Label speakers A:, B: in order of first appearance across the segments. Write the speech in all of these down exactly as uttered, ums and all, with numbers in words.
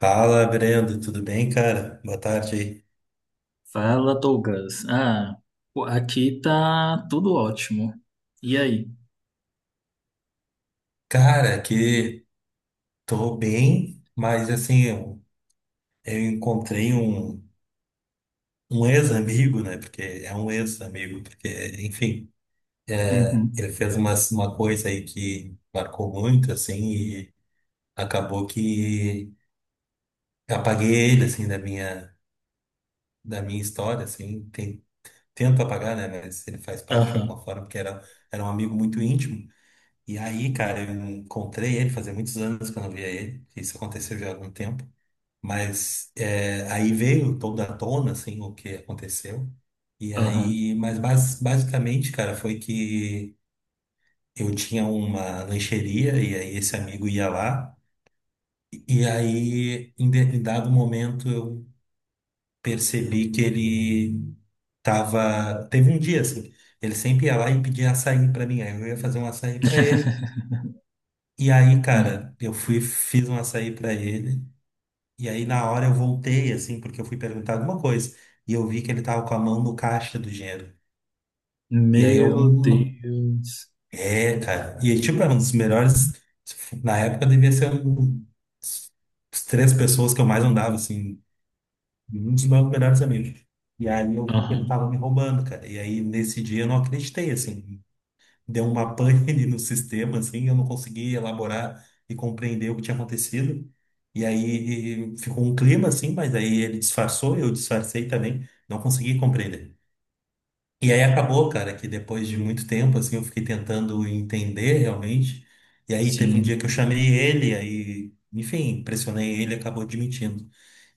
A: Fala, Brendo, tudo bem, cara? Boa tarde aí.
B: Fala, Douglas. Ah, pô, aqui tá tudo ótimo. E aí?
A: Cara, que tô bem, mas assim, eu, eu encontrei um, um ex-amigo, né? Porque é um ex-amigo, porque, enfim,
B: Uhum.
A: ele fez uma, uma coisa aí que marcou muito, assim, e acabou que apaguei ele, assim, da minha, da minha história, assim. Tem, tento apagar, né? Mas ele faz parte de alguma
B: Aham,
A: forma, porque era, era um amigo muito íntimo. E aí, cara, eu encontrei ele, fazia muitos anos que eu não via ele, que isso aconteceu já há algum tempo, mas é, aí veio toda à tona, assim, o que aconteceu, e
B: aham.
A: aí, mas bas- basicamente, cara, foi que eu tinha uma lancheria, e aí esse amigo ia lá, e aí, em de- em dado momento, eu percebi que ele tava, teve um dia, assim, ele sempre ia lá e pedia açaí pra mim, aí eu ia fazer um açaí pra ele. E aí,
B: Ah,
A: cara, eu fui, fiz um açaí pra ele. E aí, na hora, eu voltei, assim, porque eu fui perguntar alguma coisa. E eu vi que ele tava com a mão no caixa do dinheiro. E aí, eu.
B: meu
A: Hum,
B: Deus.
A: É, cara. E, tipo, era um dos melhores. Na época, devia ser um. As três pessoas que eu mais andava, assim. Um dos meus melhores amigos. E aí, eu vi que ele
B: Aham,
A: tava me roubando, cara. E aí, nesse dia, eu não acreditei, assim. Deu uma pane ali no sistema, assim, eu não consegui elaborar e compreender o que tinha acontecido. E aí ficou um clima, assim, mas aí ele disfarçou, eu disfarcei também, não consegui compreender. E aí acabou, cara, que depois de muito tempo, assim, eu fiquei tentando entender realmente. E aí teve um
B: sim.
A: dia que eu chamei ele, aí, enfim, pressionei ele, acabou admitindo.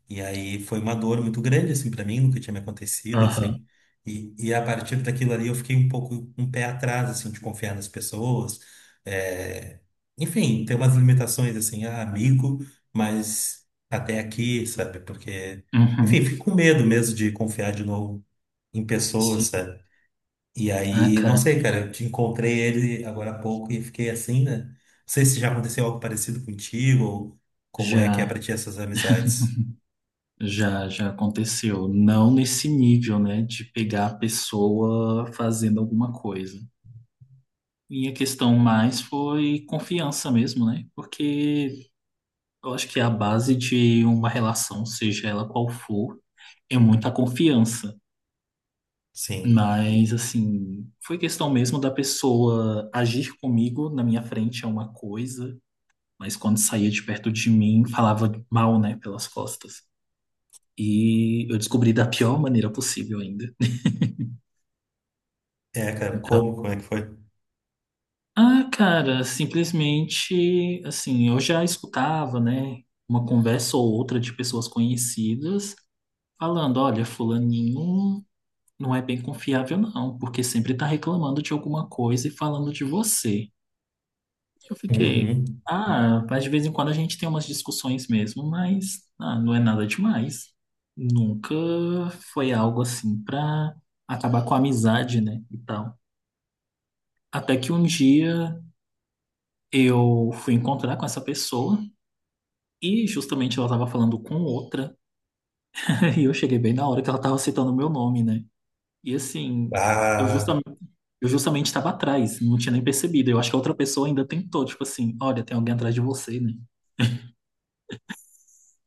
A: E aí foi uma dor muito grande, assim, para mim, nunca tinha me acontecido,
B: Aham,
A: assim. E, e a partir daquilo ali eu fiquei um pouco um pé atrás, assim, de confiar nas pessoas. É... Enfim, tem umas limitações, assim, ah, amigo, mas até aqui, sabe? Porque,
B: uhum,
A: enfim, fico com medo mesmo de confiar de novo em pessoas,
B: sim.
A: sabe? E
B: Ah,
A: aí, não
B: cara,
A: sei, cara, eu te encontrei ele agora há pouco e fiquei assim, né? Não sei se já aconteceu algo parecido contigo ou como é que é
B: já,
A: pra ti essas amizades.
B: já, já aconteceu. Não nesse nível, né, de pegar a pessoa fazendo alguma coisa. Minha questão mais foi confiança mesmo, né? Porque eu acho que a base de uma relação, seja ela qual for, é muita confiança.
A: Sim.
B: Mas, assim, foi questão mesmo da pessoa agir comigo na minha frente é uma coisa, mas quando saía de perto de mim, falava mal, né, pelas costas. E eu descobri da pior maneira possível ainda.
A: É, cara,
B: Então,
A: como? Como é que foi?
B: ah, cara, simplesmente, assim, eu já escutava, né, uma conversa ou outra de pessoas conhecidas falando: olha, fulaninho não é bem confiável, não, porque sempre está reclamando de alguma coisa e falando de você. Eu fiquei:
A: Uhum.
B: ah, mas de vez em quando a gente tem umas discussões mesmo, mas ah, não é nada demais. Nunca foi algo assim pra acabar com a amizade, né? E tal. Até que um dia eu fui encontrar com essa pessoa e justamente ela tava falando com outra. E eu cheguei bem na hora que ela tava citando o meu nome, né? E assim, eu
A: Ah,
B: justamente, eu justamente estava atrás, não tinha nem percebido. Eu acho que a outra pessoa ainda tentou, tipo assim: olha, tem alguém atrás de você, né?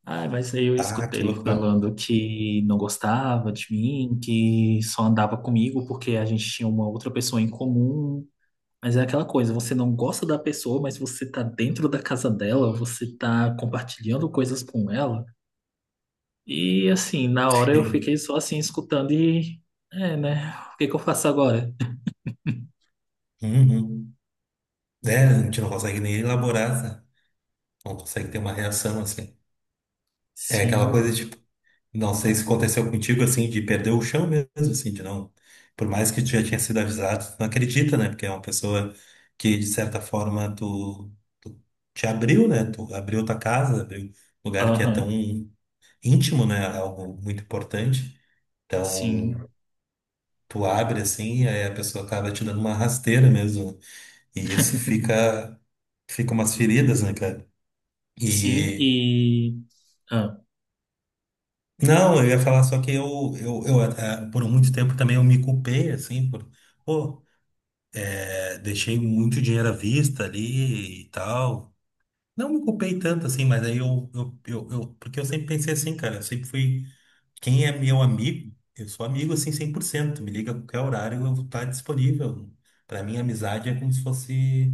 B: Ah, mas aí eu
A: ah, que
B: escutei
A: loucura.
B: falando que não gostava de mim, que só andava comigo porque a gente tinha uma outra pessoa em comum. Mas é aquela coisa, você não gosta da pessoa, mas você tá dentro da casa dela, você tá compartilhando coisas com ela. E assim, na hora eu fiquei só assim escutando e é, né? O que que eu faço agora?
A: Uhum. É, a gente não consegue nem elaborar, sabe? Não consegue ter uma reação, assim. É aquela coisa,
B: Sim.
A: tipo, não sei se aconteceu contigo, assim, de perder o chão mesmo, assim, de não... Por mais que tu já tinha sido avisado, tu não acredita, né? Porque é uma pessoa que, de certa forma, tu, tu te abriu, né? Tu abriu tua casa, abriu um lugar que é tão
B: Aham,
A: íntimo, né? Algo muito importante. Então,
B: sim.
A: tu abre assim, e aí a pessoa acaba te dando uma rasteira mesmo. E isso fica, fica umas feridas, né, cara?
B: Sim,
A: E
B: e. Ah,
A: não, eu ia falar só que eu, eu, eu eh, por muito tempo também eu me culpei, assim, por, pô, eh, deixei muito dinheiro à vista ali e tal. Não me culpei tanto assim, mas aí eu, eu, eu, eu- porque eu sempre pensei assim, cara, eu sempre fui. Quem é meu amigo, eu sou amigo assim cem por cento. Me liga a qualquer horário, eu vou estar disponível. Para mim, amizade é como se fosse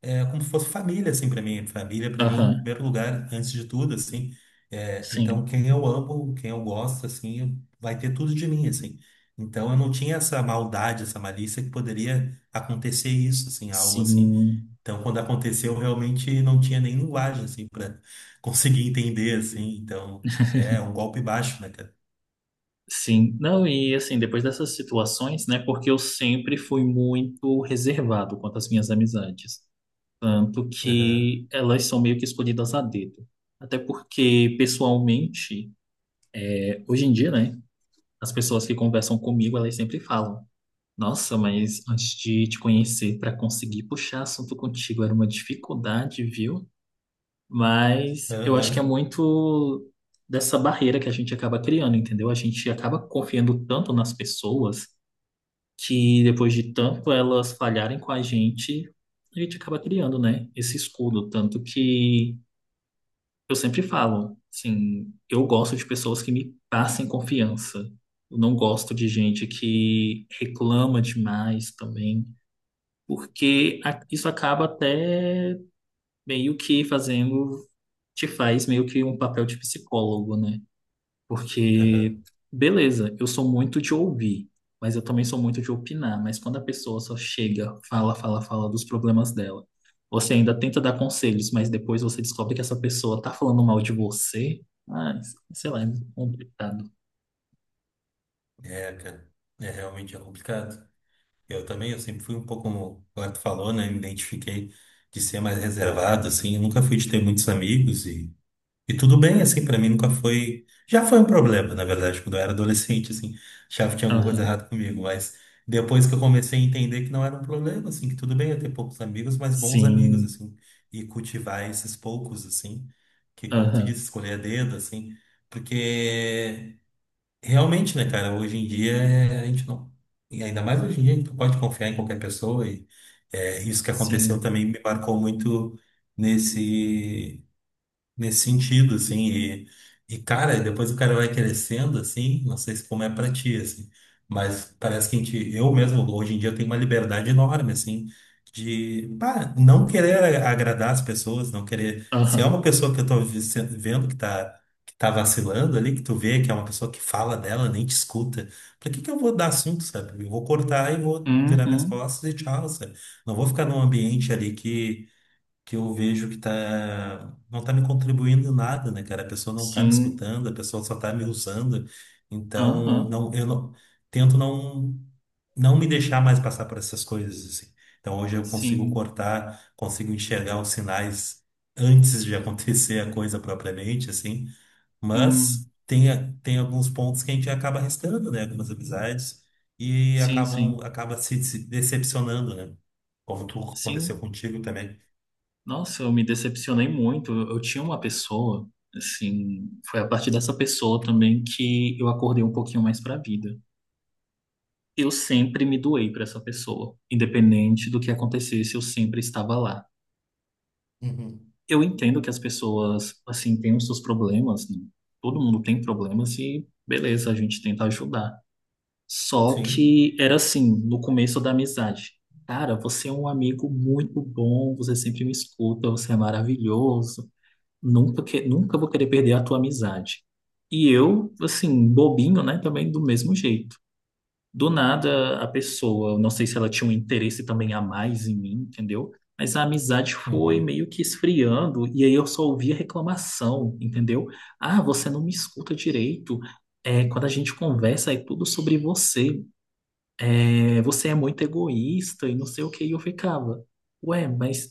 A: é como se fosse família assim para mim. Família para mim, em
B: aham,
A: primeiro lugar, antes de tudo assim. É, então,
B: sim.
A: quem eu amo, quem eu gosto assim, eu- vai ter tudo de mim assim. Então, eu não tinha essa maldade, essa malícia que poderia acontecer isso assim, algo assim.
B: Sim,
A: Então, quando aconteceu, eu realmente não tinha nem linguagem assim para conseguir entender assim. Então, é um golpe baixo, né, cara?
B: sim. Não, e assim, depois dessas situações, né? Porque eu sempre fui muito reservado quanto às minhas amizades. Tanto
A: Aham,
B: que elas são meio que escolhidas a dedo. Até porque, pessoalmente, é, hoje em dia, né? As pessoas que conversam comigo, elas sempre falam: nossa, mas antes de te conhecer, para conseguir puxar assunto contigo era uma dificuldade, viu? Mas eu acho que é
A: aham,
B: muito dessa barreira que a gente acaba criando, entendeu? A gente acaba confiando tanto nas pessoas que depois de tanto elas falharem com a gente, a gente acaba criando, né, esse escudo. Tanto que eu sempre falo, assim, eu gosto de pessoas que me passem confiança. Eu não gosto de gente que reclama demais também, porque a- isso acaba até meio que fazendo, te faz meio que um papel de psicólogo, né?
A: aham.
B: Porque, beleza, eu sou muito de ouvir, mas eu também sou muito de opinar. Mas quando a pessoa só chega, fala, fala, fala dos problemas dela, você ainda tenta dar conselhos, mas depois você descobre que essa pessoa tá falando mal de você, ah, sei lá, é complicado.
A: É, cara, é realmente é complicado. Eu também, eu sempre fui um pouco, como o tu falou, né? Me identifiquei de ser mais reservado, assim. Eu nunca fui de ter muitos amigos e, e tudo bem, assim, pra mim nunca foi. Já foi um problema, na verdade, quando eu era adolescente, assim, achava que tinha alguma coisa
B: Aham,
A: errada comigo, mas depois que eu comecei a entender que não era um problema, assim, que tudo bem eu ter poucos amigos, mas bons amigos,
B: sim,
A: assim, e cultivar esses poucos, assim, que, como tu disse,
B: aham,
A: escolher a dedo, assim, porque. Realmente, né, cara? Hoje em dia é, a gente não. E ainda mais hoje em dia a gente não pode confiar em qualquer pessoa. E é, isso que aconteceu
B: sim,
A: também me marcou muito nesse nesse sentido, assim, e, e cara, depois o cara vai crescendo, assim, não sei se como é pra ti, assim, mas parece que a gente, eu mesmo, hoje em dia, tenho uma liberdade enorme, assim, de, pá, não querer a- agradar as pessoas, não querer, se é
B: aham,
A: uma pessoa que eu tô vi- se- vendo que tá, que tá vacilando ali, que tu vê que é uma pessoa que fala dela, nem te escuta, pra que que eu vou dar assunto, sabe? Eu vou cortar e vou virar minhas
B: uhum,
A: costas e tchau, sabe? Não vou ficar num ambiente ali que eu vejo que tá, não tá me contribuindo em nada, né, cara? A pessoa não tá me
B: sim,
A: escutando, a pessoa só tá me usando. Então,
B: aham,
A: não, eu não, tento não, não me deixar mais passar por essas coisas, assim. Então, hoje eu consigo
B: sim,
A: cortar, consigo enxergar os sinais antes de acontecer a coisa propriamente, assim.
B: hum,
A: Mas tem, a- tem alguns pontos que a gente acaba arriscando, né? Algumas amizades e
B: sim,
A: acabam,
B: sim.
A: acaba se se decepcionando, né? Como tu aconteceu
B: Sim,
A: contigo também.
B: nossa, eu me decepcionei muito. Eu eu tinha uma pessoa, assim, foi a partir dessa pessoa também que eu acordei um pouquinho mais para a vida. Eu sempre me doei para essa pessoa, independente do que acontecesse, eu sempre estava lá. Eu entendo que as pessoas, assim, têm os seus problemas, né? Todo mundo tem problemas e beleza, a gente tenta ajudar. Só
A: Sim.
B: que era assim, no começo da amizade. Cara, você é um amigo muito bom, você sempre me escuta, você é maravilhoso. Nunca, que, nunca vou querer perder a tua amizade. E eu, assim, bobinho, né? Também do mesmo jeito. Do nada, a pessoa, eu não sei se ela tinha um interesse também a mais em mim, entendeu? Mas a amizade foi
A: Uhum.
B: meio que esfriando, e aí eu só ouvia reclamação, entendeu? Ah, você não me escuta direito. É, quando a gente conversa, é tudo sobre você, é, você é muito egoísta e não sei o que. E eu ficava, ué, mas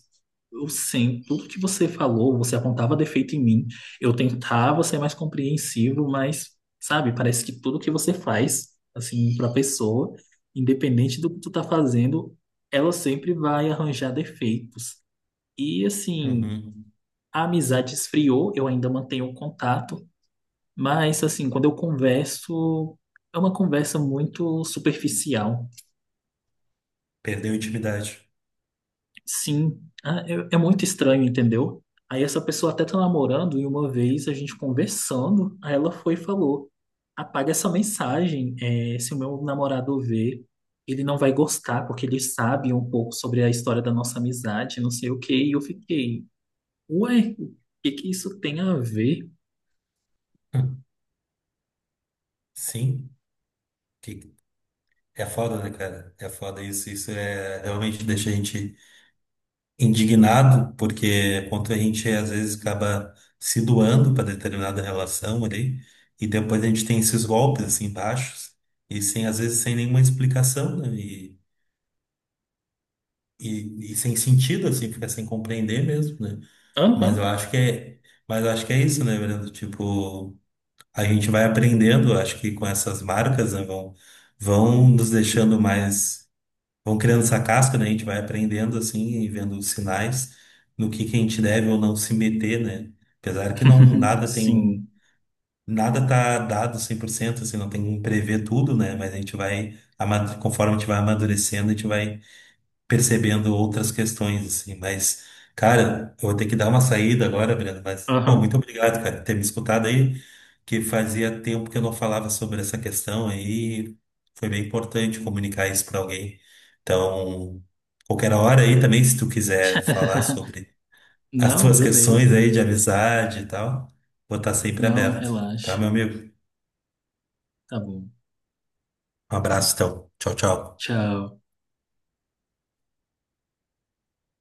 B: eu sei tudo que você falou, você apontava defeito em mim, eu tentava ser mais compreensivo, mas, sabe, parece que tudo que você faz, assim, pra pessoa, independente do que tu tá fazendo, ela sempre vai arranjar defeitos. E, assim,
A: Uhum.
B: a amizade esfriou, eu ainda mantenho o contato, mas, assim, quando eu converso, é uma conversa muito superficial.
A: Perdeu a intimidade.
B: Sim, ah, é, é muito estranho, entendeu? Aí essa pessoa até tá namorando e uma vez a gente conversando, aí ela foi e falou: apaga essa mensagem, é, se o meu namorado ver, ele não vai gostar, porque ele sabe um pouco sobre a história da nossa amizade, não sei o quê. E eu fiquei: ué, o que que isso tem a ver?
A: Hum. Sim. Que- É foda, né, cara? É foda isso. Isso é realmente deixa a gente indignado, porque quanto a gente às vezes acaba se doando para determinada relação ali, e depois a gente tem esses golpes assim baixos, e sem, às vezes sem nenhuma explicação, né? E, e, e sem sentido, assim, fica sem compreender mesmo, né? Mas eu
B: Aham.
A: acho que é, mas eu acho que é isso, né, Brando? Tipo. A gente vai aprendendo, acho que com essas marcas, né, vão, vão nos deixando mais, vão criando essa casca, né, a gente vai aprendendo assim e vendo os sinais no que que a gente deve ou não se meter, né? Apesar que não nada tem
B: Sim,
A: nada tá dado cem por cento assim, não tem como prever tudo, né? Mas a gente vai ama- conforme a gente vai amadurecendo, a gente vai percebendo outras questões, assim. Mas, cara, eu vou ter que dar uma saída agora, Breno. Mas, pô,
B: aham.
A: muito obrigado, cara, por ter me escutado aí, que fazia tempo que eu não falava sobre essa questão aí. Foi bem importante comunicar isso para alguém. Então, qualquer hora aí também, se tu quiser falar sobre as
B: Não,
A: tuas questões
B: beleza.
A: aí de amizade e tal, vou estar sempre
B: Não,
A: aberto, tá,
B: relaxa.
A: meu amigo?
B: Tá bom.
A: Um abraço, então. Tchau, tchau.
B: Tchau.